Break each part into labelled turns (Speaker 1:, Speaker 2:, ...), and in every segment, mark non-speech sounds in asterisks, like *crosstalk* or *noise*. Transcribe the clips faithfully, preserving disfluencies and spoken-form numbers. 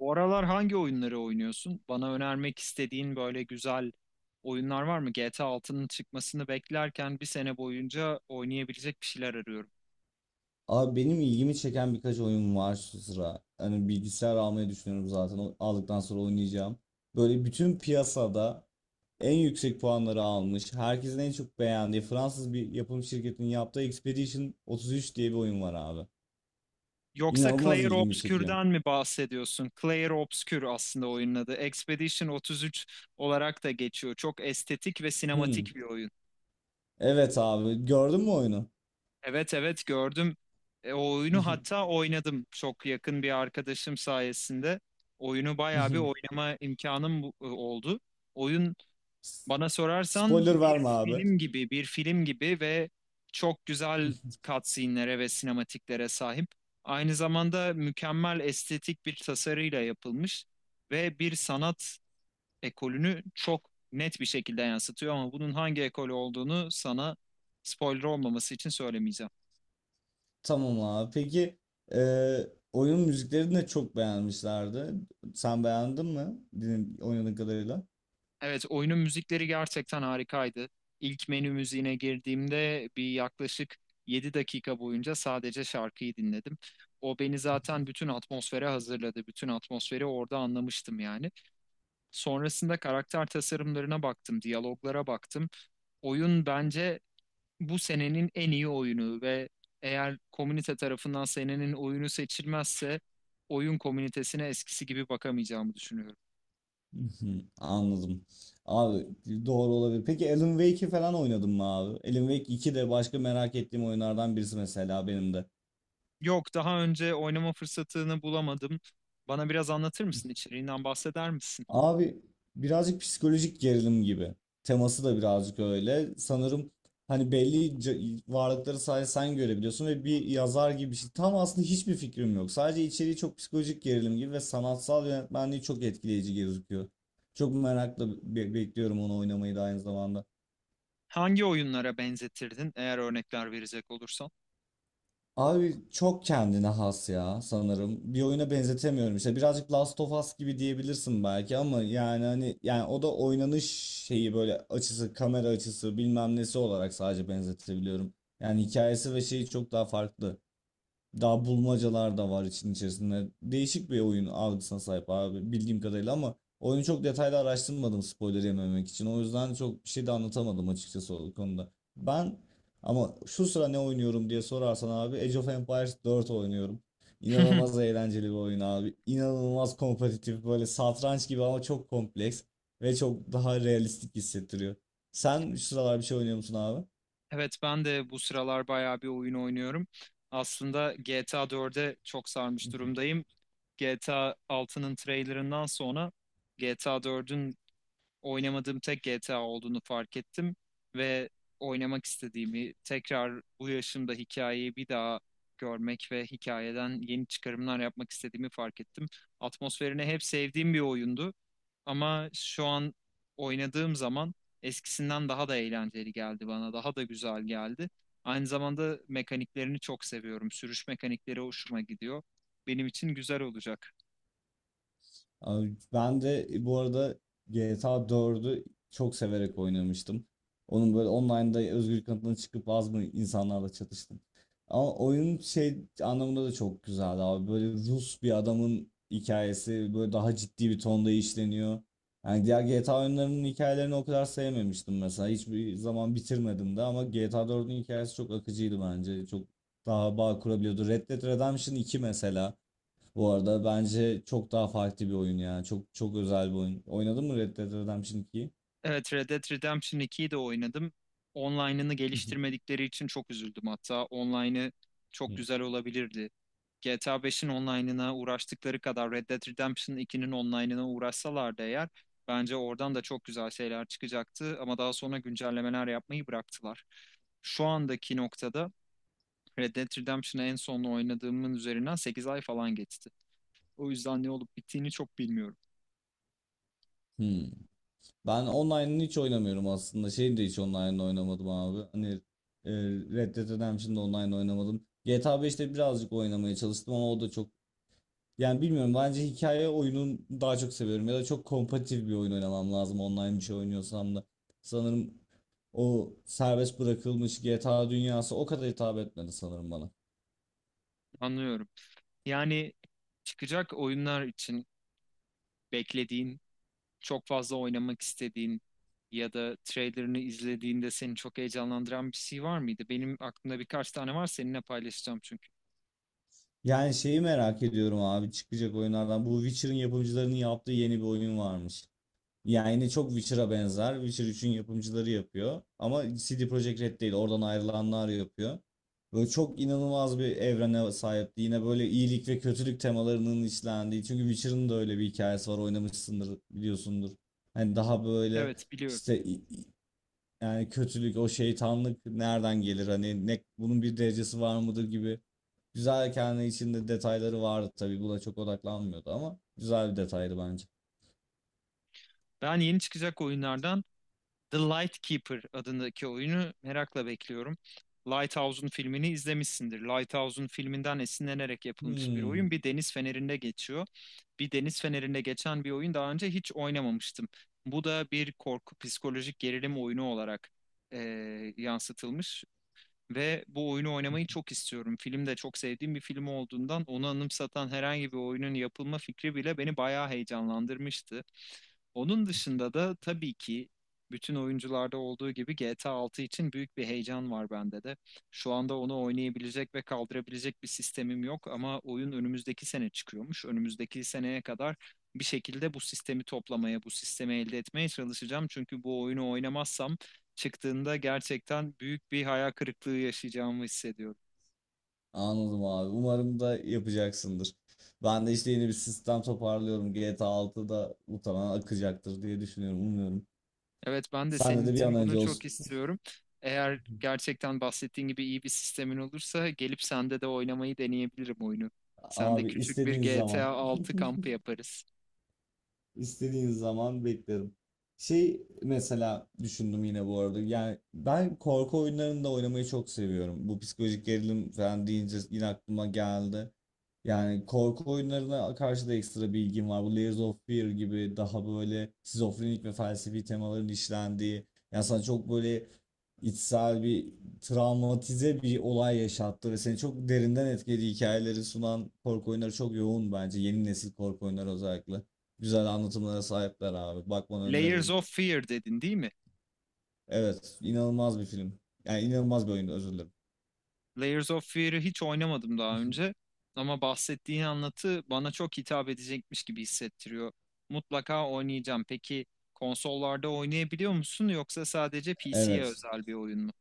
Speaker 1: Bu aralar hangi oyunları oynuyorsun? Bana önermek istediğin böyle güzel oyunlar var mı? G T A altının çıkmasını beklerken bir sene boyunca oynayabilecek bir şeyler arıyorum.
Speaker 2: Abi benim ilgimi çeken birkaç oyun var şu sıra. Hani bilgisayar almayı düşünüyorum zaten. O- Aldıktan sonra oynayacağım. Böyle bütün piyasada en yüksek puanları almış, herkesin en çok beğendiği Fransız bir yapım şirketinin yaptığı Expedition otuz üç diye bir oyun var abi.
Speaker 1: Yoksa
Speaker 2: İnanılmaz
Speaker 1: Clair
Speaker 2: ilgimi çekiyor.
Speaker 1: Obscure'dan mi bahsediyorsun? Clair Obscure aslında oyunun adı. Expedition otuz üç olarak da geçiyor. Çok estetik ve
Speaker 2: Hmm.
Speaker 1: sinematik bir oyun.
Speaker 2: Evet abi, gördün mü oyunu?
Speaker 1: Evet, evet, gördüm. E, o oyunu hatta oynadım. Çok yakın bir arkadaşım sayesinde oyunu bayağı bir
Speaker 2: *laughs*
Speaker 1: oynama imkanım bu- e, oldu. Oyun Bana sorarsan
Speaker 2: Spoiler
Speaker 1: bir
Speaker 2: verme abi.
Speaker 1: film gibi, bir film gibi ve çok güzel
Speaker 2: *laughs*
Speaker 1: cutscene'lere ve sinematiklere sahip. Aynı zamanda mükemmel estetik bir tasarıyla yapılmış ve bir sanat ekolünü çok net bir şekilde yansıtıyor ama bunun hangi ekol olduğunu sana spoiler olmaması için söylemeyeceğim.
Speaker 2: Tamam abi. Peki eee, oyun müziklerini de çok beğenmişlerdi. Sen beğendin mi? Din, oynadığın kadarıyla.
Speaker 1: Evet, oyunun müzikleri gerçekten harikaydı. İlk menü müziğine girdiğimde bir yaklaşık yedi dakika boyunca sadece şarkıyı dinledim. O beni zaten bütün atmosfere hazırladı. Bütün atmosferi orada anlamıştım yani. Sonrasında karakter tasarımlarına baktım, diyaloglara baktım. Oyun bence bu senenin en iyi oyunu ve eğer komünite tarafından senenin oyunu seçilmezse oyun komünitesine eskisi gibi bakamayacağımı düşünüyorum.
Speaker 2: Hı, anladım. Abi doğru olabilir. Peki Alan Wake'i falan oynadın mı abi? Alan Wake iki de başka merak ettiğim oyunlardan birisi mesela benim de.
Speaker 1: Yok, daha önce oynama fırsatını bulamadım. Bana biraz anlatır mısın? İçeriğinden bahseder misin?
Speaker 2: Abi birazcık psikolojik gerilim gibi. Teması da birazcık öyle. Sanırım hani belli c- varlıkları sadece sen görebiliyorsun ve bir yazar gibi bir şey. Tam aslında hiçbir fikrim yok. Sadece içeriği çok psikolojik gerilim gibi ve sanatsal yönetmenliği çok etkileyici gözüküyor. Çok merakla be- bekliyorum onu oynamayı da aynı zamanda.
Speaker 1: Hangi oyunlara benzetirdin eğer örnekler verecek olursan?
Speaker 2: Abi çok kendine has ya sanırım. Bir oyuna benzetemiyorum işte. Birazcık Last of Us gibi diyebilirsin belki ama yani hani yani o da oynanış şeyi böyle açısı, kamera açısı, bilmem nesi olarak sadece benzetebiliyorum. Yani hikayesi ve şeyi çok daha farklı. Daha bulmacalar da var için içerisinde. Değişik bir oyun algısına sahip abi bildiğim kadarıyla ama oyunu çok detaylı araştırmadım spoiler yememek için. O yüzden çok bir şey de anlatamadım açıkçası o konuda. Ben ama şu sıra ne oynuyorum diye sorarsan abi Age of Empires dört oynuyorum. İnanılmaz
Speaker 1: *laughs*
Speaker 2: eğlenceli bir oyun abi. İnanılmaz kompetitif böyle satranç gibi ama çok kompleks ve çok daha realistik hissettiriyor. Sen şu sıralar bir şey oynuyor musun abi?
Speaker 1: Evet, ben de bu sıralar bayağı bir oyun oynuyorum. Aslında G T A dörde çok sarmış
Speaker 2: *laughs*
Speaker 1: durumdayım. G T A altının trailerından sonra G T A dördün oynamadığım tek G T A olduğunu fark ettim ve oynamak istediğimi, tekrar bu yaşımda hikayeyi bir daha görmek ve hikayeden yeni çıkarımlar yapmak istediğimi fark ettim. Atmosferini hep sevdiğim bir oyundu ama şu an oynadığım zaman eskisinden daha da eğlenceli geldi bana, daha da güzel geldi. Aynı zamanda mekaniklerini çok seviyorum. Sürüş mekanikleri hoşuma gidiyor. Benim için güzel olacak.
Speaker 2: Abi ben de e, bu arada G T A dördü çok severek oynamıştım. Onun böyle online'da özgür kanıtına çıkıp az mı insanlarla çatıştım. Ama oyun şey anlamında da çok güzeldi abi. Böyle Rus bir adamın hikayesi böyle daha ciddi bir tonda işleniyor. Yani diğer G T A oyunlarının hikayelerini o kadar sevmemiştim mesela. Hiçbir zaman bitirmedim de ama G T A dördün hikayesi çok akıcıydı bence. Çok daha bağ kurabiliyordu. Red Dead Redemption iki mesela. Bu arada bence çok daha farklı bir oyun ya. Çok çok özel bir oyun. Oynadın mı Red Dead Redemption ikiyi?
Speaker 1: Evet, Red Dead Redemption ikiyi de oynadım. Online'ını
Speaker 2: *laughs*
Speaker 1: geliştirmedikleri için çok üzüldüm hatta. Online'ı çok güzel olabilirdi. G T A beşin online'ına uğraştıkları kadar Red Dead Redemption ikinin online'ına uğraşsalardı eğer bence oradan da çok güzel şeyler çıkacaktı ama daha sonra güncellemeler yapmayı bıraktılar. Şu andaki noktada Red Dead Redemption'ı en son oynadığımın üzerinden sekiz ay falan geçti. O yüzden ne olup bittiğini çok bilmiyorum.
Speaker 2: Hmm. Ben online'ını hiç oynamıyorum aslında. Şeyi de hiç online'ını oynamadım abi. Hani e, Red Dead Redemption'da online oynamadım. G T A beşte birazcık oynamaya çalıştım ama o da çok... Yani bilmiyorum bence hikaye oyunun daha çok seviyorum ya da çok kompetitif bir oyun oynamam lazım online bir şey oynuyorsam da. Sanırım o serbest bırakılmış G T A dünyası o kadar hitap etmedi sanırım bana.
Speaker 1: Anlıyorum. Yani çıkacak oyunlar için beklediğin, çok fazla oynamak istediğin ya da trailerını izlediğinde seni çok heyecanlandıran bir şey var mıydı? Benim aklımda birkaç tane var seninle paylaşacağım çünkü.
Speaker 2: Yani şeyi merak ediyorum abi çıkacak oyunlardan. Bu Witcher'ın yapımcılarının yaptığı yeni bir oyun varmış. Yani yine çok Witcher'a benzer. Witcher üçün yapımcıları yapıyor. Ama C D Projekt Red değil. Oradan ayrılanlar yapıyor. Böyle çok inanılmaz bir evrene sahipti. Yine böyle iyilik ve kötülük temalarının işlendiği. Çünkü Witcher'ın da öyle bir hikayesi var. Oynamışsındır, biliyorsundur. Hani daha böyle
Speaker 1: Evet, biliyorum.
Speaker 2: işte yani kötülük, o şeytanlık nereden gelir? Hani ne, bunun bir derecesi var mıdır gibi. Güzel kendi içinde detayları vardı tabii. Buna çok odaklanmıyordu ama güzel bir detaydı bence.
Speaker 1: Ben yeni çıkacak oyunlardan The Lightkeeper adındaki oyunu merakla bekliyorum. Lighthouse'un filmini izlemişsindir. Lighthouse'un filminden esinlenerek yapılmış bir
Speaker 2: Hmm,
Speaker 1: oyun. Bir deniz fenerinde geçiyor. Bir deniz fenerinde geçen bir oyun daha önce hiç oynamamıştım. Bu da bir korku psikolojik gerilim oyunu olarak eee, yansıtılmış. Ve bu oyunu oynamayı çok istiyorum. Film de çok sevdiğim bir film olduğundan onu anımsatan herhangi bir oyunun yapılma fikri bile beni bayağı heyecanlandırmıştı. Onun dışında da tabii ki bütün oyuncularda olduğu gibi G T A altı için büyük bir heyecan var bende de. Şu anda onu oynayabilecek ve kaldırabilecek bir sistemim yok ama oyun önümüzdeki sene çıkıyormuş. Önümüzdeki seneye kadar bir şekilde bu sistemi toplamaya, bu sistemi elde etmeye çalışacağım. Çünkü bu oyunu oynamazsam çıktığında gerçekten büyük bir hayal kırıklığı yaşayacağımı hissediyorum.
Speaker 2: anladım abi. Umarım da yapacaksındır. Ben de işte yeni bir sistem toparlıyorum. G T A altıda muhtemelen akacaktır diye düşünüyorum. Umuyorum.
Speaker 1: Evet, ben de
Speaker 2: Sende
Speaker 1: senin
Speaker 2: de bir
Speaker 1: için
Speaker 2: an önce
Speaker 1: bunu çok
Speaker 2: olsun.
Speaker 1: istiyorum. Eğer gerçekten bahsettiğin gibi iyi bir sistemin olursa gelip sende de oynamayı deneyebilirim oyunu. Sende
Speaker 2: Abi
Speaker 1: küçük bir
Speaker 2: istediğin
Speaker 1: G T A
Speaker 2: zaman. *laughs*
Speaker 1: altı kampı yaparız.
Speaker 2: İstediğin zaman beklerim. Şey mesela düşündüm yine bu arada. Yani ben korku oyunlarını da oynamayı çok seviyorum. Bu psikolojik gerilim falan deyince yine aklıma geldi. Yani korku oyunlarına karşı da ekstra bilgim var. Bu Layers of Fear gibi daha böyle şizofrenik ve felsefi temaların işlendiği. Yani sana çok böyle içsel bir travmatize bir olay yaşattı ve seni çok derinden etkili hikayeleri sunan korku oyunları çok yoğun bence. Yeni nesil korku oyunları özellikle. Güzel anlatımlara sahipler abi. Bakmanı
Speaker 1: Layers
Speaker 2: öneririm.
Speaker 1: of Fear dedin değil mi?
Speaker 2: Evet, inanılmaz bir film. Yani inanılmaz bir oyun, özür dilerim.
Speaker 1: Layers of Fear'ı hiç oynamadım daha önce.
Speaker 2: *laughs*
Speaker 1: Ama bahsettiğin anlatı bana çok hitap edecekmiş gibi hissettiriyor. Mutlaka oynayacağım. Peki konsollarda oynayabiliyor musun yoksa sadece P C'ye
Speaker 2: Evet.
Speaker 1: özel bir oyun mu?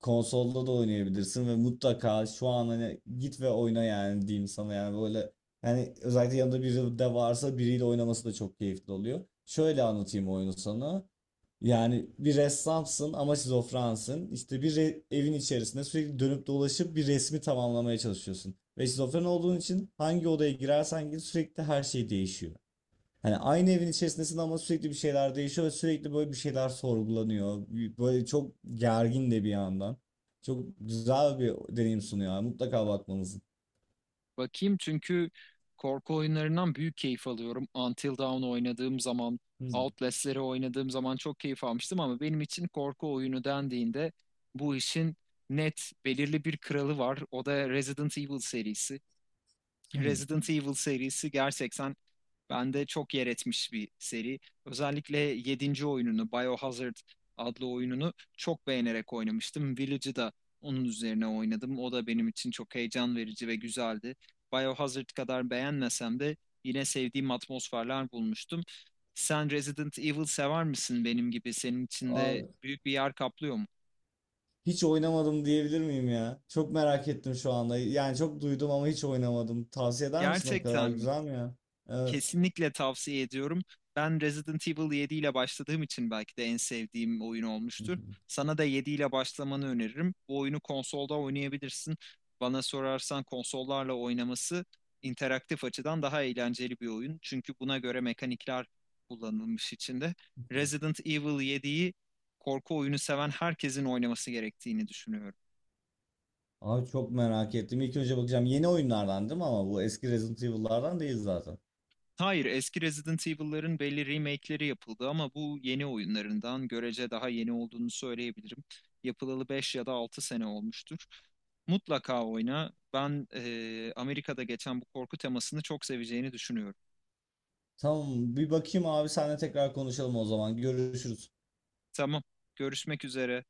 Speaker 2: Konsolda da oynayabilirsin ve mutlaka şu an hani git ve oyna yani diyeyim sana yani böyle yani özellikle yanında biri de varsa biriyle oynaması da çok keyifli oluyor. Şöyle anlatayım oyunu sana. Yani bir ressamsın ama şizofrensin. İşte bir re- evin içerisinde sürekli dönüp dolaşıp bir resmi tamamlamaya çalışıyorsun. Ve şizofren olduğun için hangi odaya girersen gir sürekli her şey değişiyor. Hani aynı evin içerisindesin ama sürekli bir şeyler değişiyor ve sürekli böyle bir şeyler sorgulanıyor. Böyle çok gergin de bir yandan. Çok güzel bir deneyim sunuyor abi. Mutlaka bakmanızı.
Speaker 1: Bakayım çünkü korku oyunlarından büyük keyif alıyorum. Until Dawn oynadığım zaman,
Speaker 2: Hmm.
Speaker 1: Outlast'leri oynadığım zaman çok keyif almıştım ama benim için korku oyunu dendiğinde bu işin net belirli bir kralı var. O da Resident Evil serisi.
Speaker 2: Hmm.
Speaker 1: Resident Evil serisi gerçekten bende çok yer etmiş bir seri. Özellikle yedinci oyununu, Biohazard adlı oyununu çok beğenerek oynamıştım. Village'ı da onun üzerine oynadım. O da benim için çok heyecan verici ve güzeldi. Biohazard kadar beğenmesem de yine sevdiğim atmosferler bulmuştum. Sen Resident Evil sever misin benim gibi? Senin için de
Speaker 2: Abi,
Speaker 1: büyük bir yer kaplıyor mu?
Speaker 2: hiç oynamadım diyebilir miyim ya? Çok merak ettim şu anda. Yani çok duydum ama hiç oynamadım. Tavsiye eder misin, o kadar
Speaker 1: Gerçekten mi?
Speaker 2: güzel mi ya? Evet.
Speaker 1: Kesinlikle tavsiye ediyorum. Ben Resident Evil yedi ile başladığım için belki de en sevdiğim oyun olmuştur.
Speaker 2: *laughs*
Speaker 1: Sana da yedi ile başlamanı öneririm. Bu oyunu konsolda oynayabilirsin. Bana sorarsan konsollarla oynaması interaktif açıdan daha eğlenceli bir oyun. Çünkü buna göre mekanikler kullanılmış içinde. Resident Evil yediyi korku oyunu seven herkesin oynaması gerektiğini düşünüyorum.
Speaker 2: Abi çok merak ettim. İlk önce bakacağım. Yeni oyunlardan değil mi ama bu eski Resident Evil'lardan değil zaten.
Speaker 1: Hayır, eski Resident Evil'ların belli remake'leri yapıldı ama bu yeni oyunlarından görece daha yeni olduğunu söyleyebilirim. Yapılalı beş ya da altı sene olmuştur. Mutlaka oyna. Ben eee, Amerika'da geçen bu korku temasını çok seveceğini düşünüyorum.
Speaker 2: Tamam bir bakayım abi, seninle tekrar konuşalım o zaman. Görüşürüz.
Speaker 1: Tamam, görüşmek üzere.